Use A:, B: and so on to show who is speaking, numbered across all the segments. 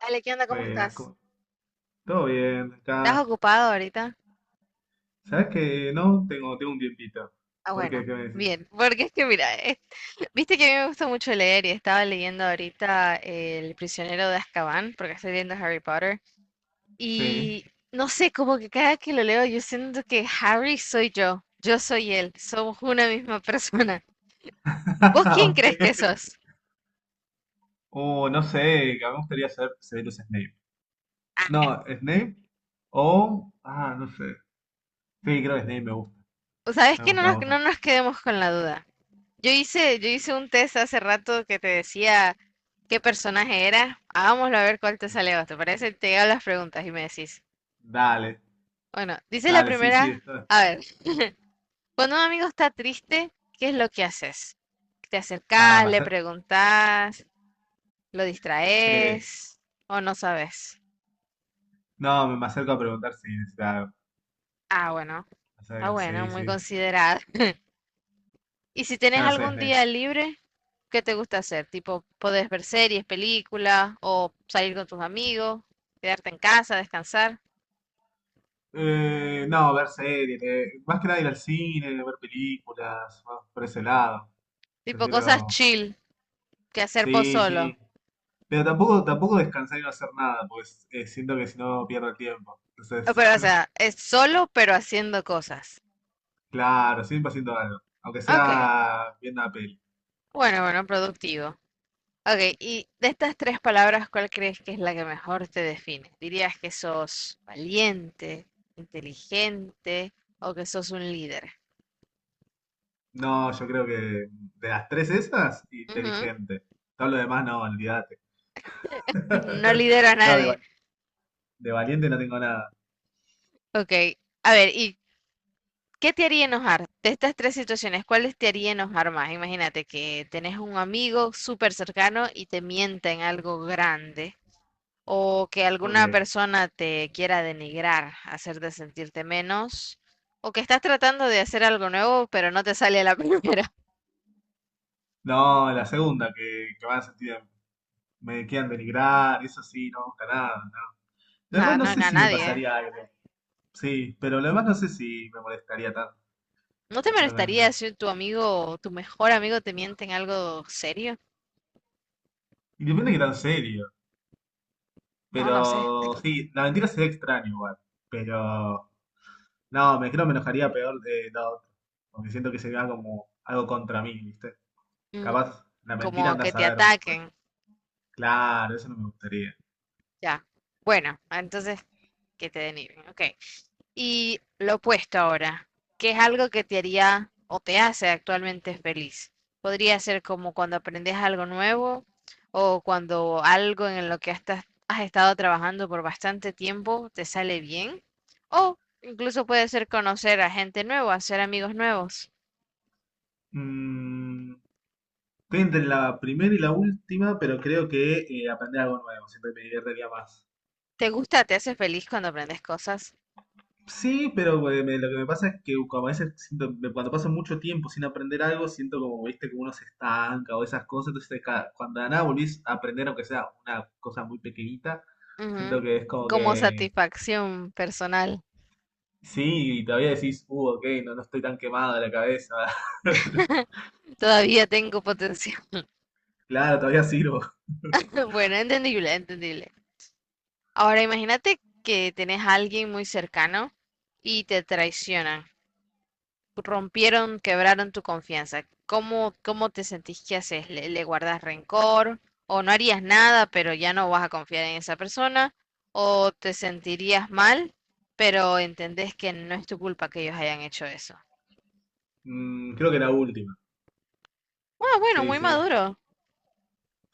A: Dale, ¿qué onda? ¿Cómo
B: Buenas,
A: estás?
B: ¿cómo- ¿todo bien?
A: ¿Estás
B: Acá.
A: ocupado ahorita?
B: ¿Sabes que no? Tengo un tiempito.
A: Ah,
B: ¿Por qué?
A: bueno.
B: ¿Qué me decís?
A: Bien, porque es que mira, viste que a mí me gusta mucho leer y estaba leyendo ahorita El prisionero de Azkaban, porque estoy viendo Harry Potter,
B: Sí.
A: y no sé, como que cada que lo leo yo siento que Harry soy yo, yo soy él, somos una misma persona. ¿Vos quién
B: Ok.
A: crees que sos?
B: No sé, que a mí me gustaría ser Severus Snape.
A: Ah,
B: No, Snape o... Ah, no sé. Sí, creo que Snape me gusta.
A: sabes
B: Me
A: que no
B: gusta,
A: nos,
B: me
A: no
B: gusta.
A: nos quedemos con la duda. Yo hice un test hace rato que te decía qué personaje era. Hagámoslo a ver cuál te
B: Sí.
A: sale vos. ¿Te parece? Te hago las preguntas y me decís.
B: Dale,
A: Bueno, dice la
B: dale, sí, sí.
A: primera.
B: Esto...
A: A ver, cuando un amigo está triste, ¿qué es lo que haces? ¿Te
B: Ah,
A: acercás,
B: me
A: le
B: acer-
A: preguntás, lo
B: eh,
A: distraes o no sabes?
B: no, me acerco a preguntar si necesitas algo.
A: Ah, bueno,
B: Me
A: está
B: acerco,
A: bueno,
B: sí,
A: muy
B: sí.
A: considerada. ¿Y si
B: Ya
A: tenés
B: no soy
A: algún
B: Snape.
A: día libre, qué te gusta hacer? Tipo, podés ver series, películas o salir con tus amigos, quedarte en casa, descansar.
B: No, ver series, más que nada ir al cine, ver películas, más por ese lado.
A: Tipo cosas
B: Prefiero.
A: chill que hacer vos
B: Sí,
A: solo.
B: sí. Pero tampoco descansar y no hacer nada, pues siento que si no pierdo el tiempo. Entonces,
A: Pero, o sea, es solo pero haciendo cosas.
B: claro, siempre haciendo algo. Aunque
A: Ok,
B: sea viendo una peli.
A: bueno, bueno, productivo. Ok, y de estas tres palabras, ¿cuál crees que es la que mejor te define? ¿Dirías que sos valiente, inteligente o que sos un líder?
B: No, yo creo que, de las tres esas,
A: Ujú.
B: inteligente. Todo lo demás no, olvídate.
A: No lidero a
B: No, de
A: nadie.
B: va- de valiente no tengo nada.
A: Ok, a ver, ¿y qué te haría enojar? De estas tres situaciones, ¿cuáles te haría enojar más? Imagínate que tenés un amigo súper cercano y te mienta en algo grande, o que
B: Ok.
A: alguna persona te quiera denigrar, hacerte sentirte menos, o que estás tratando de hacer algo nuevo, pero no te sale a la primera.
B: No, la segunda, que van a sentir, me quieran denigrar, eso sí, no me gusta nada, no. Lo demás
A: No,
B: no
A: no a
B: sé si me ah,
A: nadie, ¿eh?
B: pasaría algo. Sí, pero lo demás no sé si me molestaría tanto.
A: ¿No te molestaría
B: Realmente.
A: si tu amigo, tu mejor amigo te miente en algo serio?
B: Y depende de qué tan serio.
A: No, no sé.
B: Pero sí, la mentira sería extraño igual. Pero no, me creo me enojaría peor de la otra. Porque siento que sería como algo contra mí, ¿viste?
A: Mm.
B: Capaz la mentira
A: Como
B: anda a
A: que te
B: saber, pues.
A: ataquen.
B: Claro, eso no me gustaría.
A: Ya. Bueno, entonces que te denigren. Ok. Y lo opuesto ahora, ¿qué es algo que te haría o te hace actualmente feliz? Podría ser como cuando aprendes algo nuevo o cuando algo en lo que estás, has estado trabajando por bastante tiempo te sale bien. O incluso puede ser conocer a gente nueva, hacer amigos nuevos.
B: Mm, estoy entre la primera y la última, pero creo que aprender algo nuevo. Siento que me divertiría más.
A: ¿Te gusta, te hace feliz cuando aprendes cosas?
B: Sí, pero me- lo que me pasa es que como a veces siento- me- cuando paso mucho tiempo sin aprender algo, siento como, viste, que uno se estanca o esas cosas, entonces ca- cuando de nada volvís a aprender, aunque sea una cosa muy pequeñita,
A: Ujú.
B: siento que es como
A: Como
B: que,
A: satisfacción personal.
B: sí, y todavía decís, ok, no, no estoy tan quemado de la cabeza,
A: Todavía tengo potencial.
B: claro, todavía sirvo.
A: Bueno, entendible, entendible. Ahora imagínate que tenés a alguien muy cercano y te traicionan, rompieron, quebraron tu confianza. ¿Cómo te sentís? ¿Qué haces? ¿Le guardas rencor? ¿O no harías nada, pero ya no vas a confiar en esa persona? ¿O te sentirías mal, pero entendés que no es tu culpa que ellos hayan hecho eso?
B: Mm, creo que la última,
A: Ah, bueno,
B: sí,
A: muy
B: sí,
A: maduro.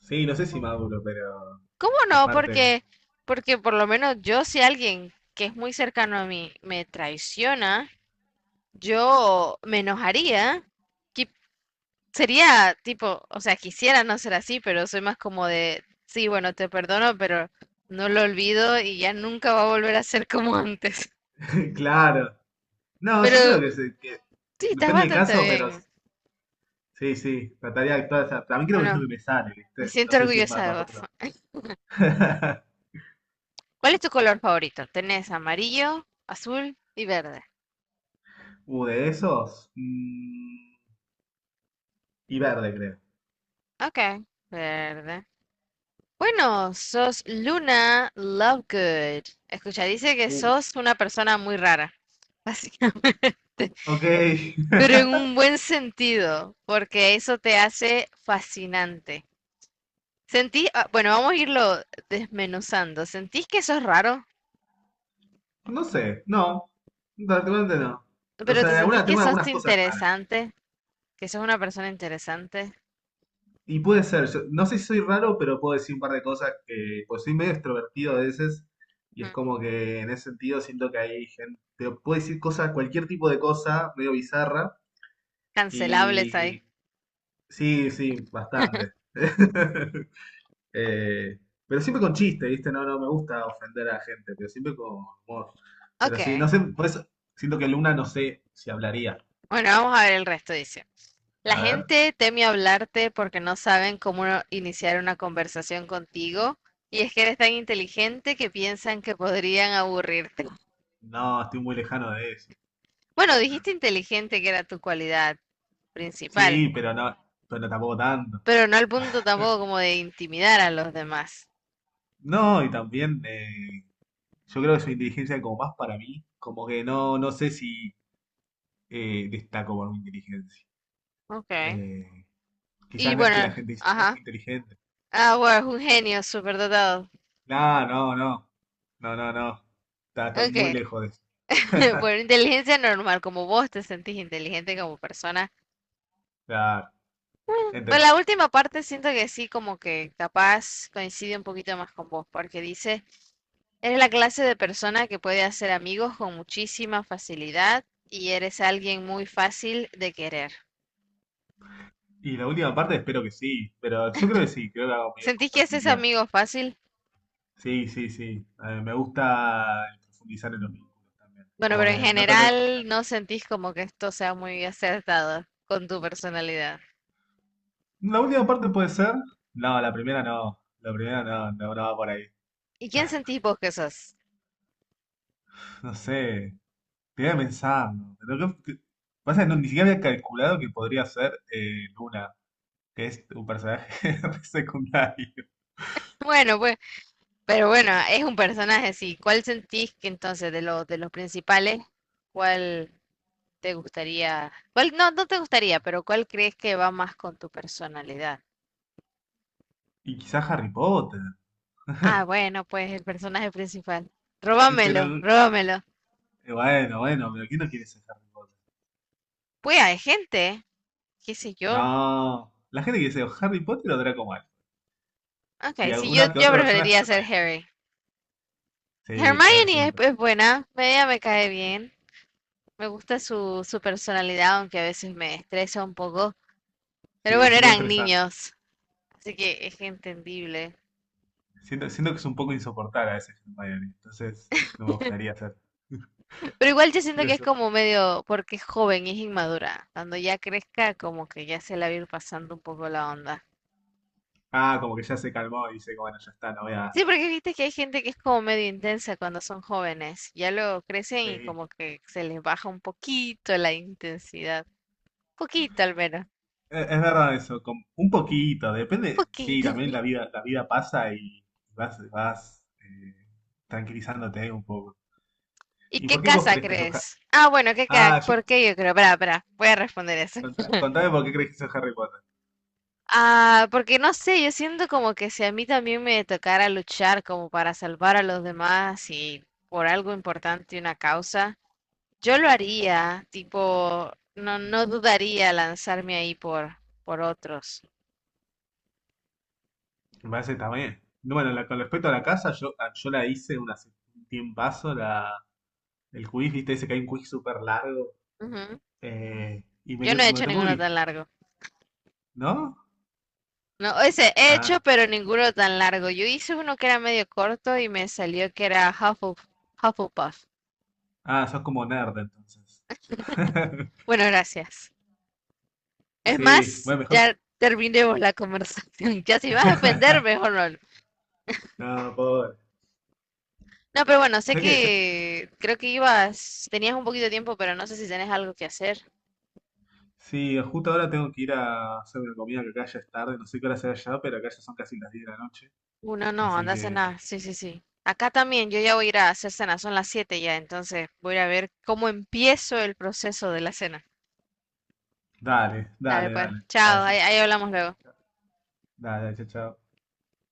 B: sí, no sé si maduro, pero
A: ¿Cómo
B: es
A: no?
B: parte,
A: Porque, porque por lo menos yo si alguien que es muy cercano a mí me traiciona, yo me enojaría. qui- Sería tipo, o sea, quisiera no ser así, pero soy más como de, sí, bueno, te perdono, pero no lo olvido y ya nunca va a volver a ser como antes.
B: claro. No, yo creo
A: Pero
B: que, se- que
A: sí, estás
B: depende del
A: bastante
B: caso, pero
A: bien.
B: sí, sí, trataría de actuar. O también creo que es lo
A: Bueno,
B: que me sale,
A: me
B: ¿viste? No
A: siento
B: sé si es más
A: orgullosa de vos.
B: maduro.
A: ¿Cuál es tu color favorito? Tenés amarillo, azul y verde.
B: De esos. Mm, y verde, creo.
A: Ok, verde. Bueno, sos Luna Lovegood. Escucha, dice que
B: Uh,
A: sos una persona muy rara, básicamente.
B: ok.
A: Pero en un buen sentido, porque eso te hace fascinante. Sentí, ah, bueno, vamos a irlo desmenuzando. ¿Sentís que sos raro?
B: No sé, no. Realmente no. O
A: ¿Pero
B: sea,
A: te
B: de
A: sentís
B: alguna,
A: que
B: tengo
A: sos
B: algunas cosas raras.
A: interesante? ¿Que sos una persona interesante?
B: Y puede ser, yo- no sé si soy raro, pero puedo decir un par de cosas que, pues soy medio extrovertido a veces. Y es
A: Ujú.
B: como que en ese sentido siento que hay gente, puedo decir cosas, cualquier tipo de cosa, medio bizarra.
A: Cancelables ahí.
B: Y sí, sí, bastante. Eh, pero siempre con chiste, ¿viste? No, no me gusta ofender a la gente, pero siempre con humor. Pero sí, no
A: Ok.
B: sé, por eso siento que Luna no sé si hablaría.
A: Bueno, vamos a ver el resto, dice. La
B: A ver,
A: gente teme hablarte porque no saben cómo no iniciar una conversación contigo. Y es que eres tan inteligente que piensan que podrían aburrirte.
B: no, estoy muy lejano de eso.
A: Bueno, dijiste inteligente que era tu cualidad principal.
B: Sí, pero no, pero tampoco tanto.
A: Pero no al punto tampoco como de intimidar a los demás.
B: No, y también yo creo que su inteligencia es como más para mí, como que no, no sé si destaco por mi inteligencia.
A: Okay.
B: Eh,
A: Y
B: Quizás no es que la
A: bueno,
B: gente dice, no,
A: ajá.
B: qué inteligente.
A: Ah, bueno, es un genio superdotado.
B: No, no, no, no, no, no. Está, estoy muy
A: Okay.
B: lejos de eso.
A: Bueno, inteligencia normal, como vos te sentís inteligente como persona.
B: Claro.
A: Bueno,
B: Ente-
A: la última parte siento que sí, como que capaz coincide un poquito más con vos, porque dice, eres la clase de persona que puede hacer amigos con muchísima facilidad y eres alguien muy fácil de querer.
B: Y la última parte espero que sí, pero yo creo que sí, creo que hago medios con
A: ¿Sentís que haces
B: facilidad.
A: amigos fácil?
B: Sí, sí, sí. Me gusta profundizar en los vínculos también.
A: Bueno,
B: Como
A: pero en
B: que no trato de que sea-
A: general no sentís como que esto sea muy acertado con tu personalidad.
B: La última parte puede ser. No, la primera no. La primera no, no, no va por ahí.
A: ¿Y quién sentís vos que sos?
B: No sé, te voy a pensar. Lo que- pasa que no, ni siquiera había calculado que podría ser Luna, que es un personaje re secundario.
A: Bueno, pues, pero bueno, es un personaje, sí. ¿Cuál sentís que entonces de los principales, cuál te gustaría, cuál no, no te gustaría, pero cuál crees que va más con tu personalidad?
B: Y quizás Harry Potter.
A: Ah, bueno, pues el personaje principal.
B: Eh, Pero,
A: Róbamelo, róbamelo.
B: eh, bueno, bueno, pero ¿quién no quiere ser Harry Potter?
A: Pues hay gente, qué sé yo.
B: No, la gente que dice o Harry Potter o Draco Malfoy. Y
A: Ok, sí, yo,
B: alguna que
A: yo
B: otra persona
A: preferiría ser
B: Hermione.
A: Harry.
B: Sí, Harry
A: Hermione es,
B: siempre.
A: es buena, ella me cae bien. Me gusta su personalidad, aunque a veces me estresa un poco. Pero
B: Sí,
A: bueno,
B: es un poco
A: eran
B: estresante.
A: niños, así que es entendible.
B: Siento que es un poco insoportable a veces Hermione. Entonces, no me gustaría hacer.
A: Pero igual yo siento
B: Siento
A: que es
B: eso.
A: como medio, porque es joven y es inmadura. Cuando ya crezca, como que ya se la va a ir pasando un poco la onda.
B: Ah, como que ya se calmó y dice, bueno, ya está, no voy a...
A: Sí, porque viste que hay gente que es como medio intensa cuando son jóvenes. Ya luego crecen
B: Sí,
A: y
B: e-
A: como que se les baja un poquito la intensidad. Poquito al menos.
B: es verdad eso, con un poquito, depende, sí,
A: Poquito.
B: también la vida pasa y vas tranquilizándote un poco.
A: ¿Y
B: ¿Y
A: qué
B: por qué vos
A: casa
B: crees que sos Harry?
A: crees? Ah, bueno,
B: Ah, yo,
A: ¿Por qué yo creo? Pará, pará, voy a responder eso.
B: contá- contame por qué crees que sos Harry Potter.
A: Ah, porque no sé, yo siento como que si a mí también me tocara luchar como para salvar a los demás y por algo importante, una causa, yo lo haría, tipo, no, no dudaría lanzarme ahí por otros.
B: Me parece que está bien. No, bueno, la- con respecto a la casa, yo, a- yo la hice una, hace un tiempazo, la, el quiz, viste, ese que hay un quiz súper largo.
A: Ujú.
B: Eh, y me,
A: Yo no
B: quedó-
A: he
B: me
A: hecho
B: tocó
A: ninguno
B: gris,
A: tan largo.
B: ¿no?
A: No, ese he hecho,
B: Ah,
A: pero ninguno tan largo. Yo hice uno que era medio corto y me salió que era Hufflepuff.
B: ah, sos como nerd entonces.
A: Bueno, gracias. Es
B: Sí,
A: más,
B: bueno, mejor.
A: ya terminemos la conversación. Ya si vas a ofender, mejor no.
B: No, pobre.
A: No, pero bueno, sé
B: ¿Sabés qué? Sa-
A: que creo que ibas, tenías un poquito de tiempo, pero no sé si tenés algo que hacer.
B: sí, justo ahora tengo que ir a hacer una comida que acá ya es tarde. No sé qué hora será allá, pero acá ya son casi las 10 de la noche.
A: Uno no, no,
B: Así
A: anda a
B: que,
A: cenar. Sí, sí, sí. Acá también, yo ya voy a ir a hacer cena, son las 7 ya, entonces voy a ir a ver cómo empiezo el proceso de la cena.
B: dale,
A: Dale,
B: dale,
A: pues,
B: dale. Dale,
A: chao, ahí,
B: yo.
A: ahí hablamos luego.
B: Dale, dale, chao, chao.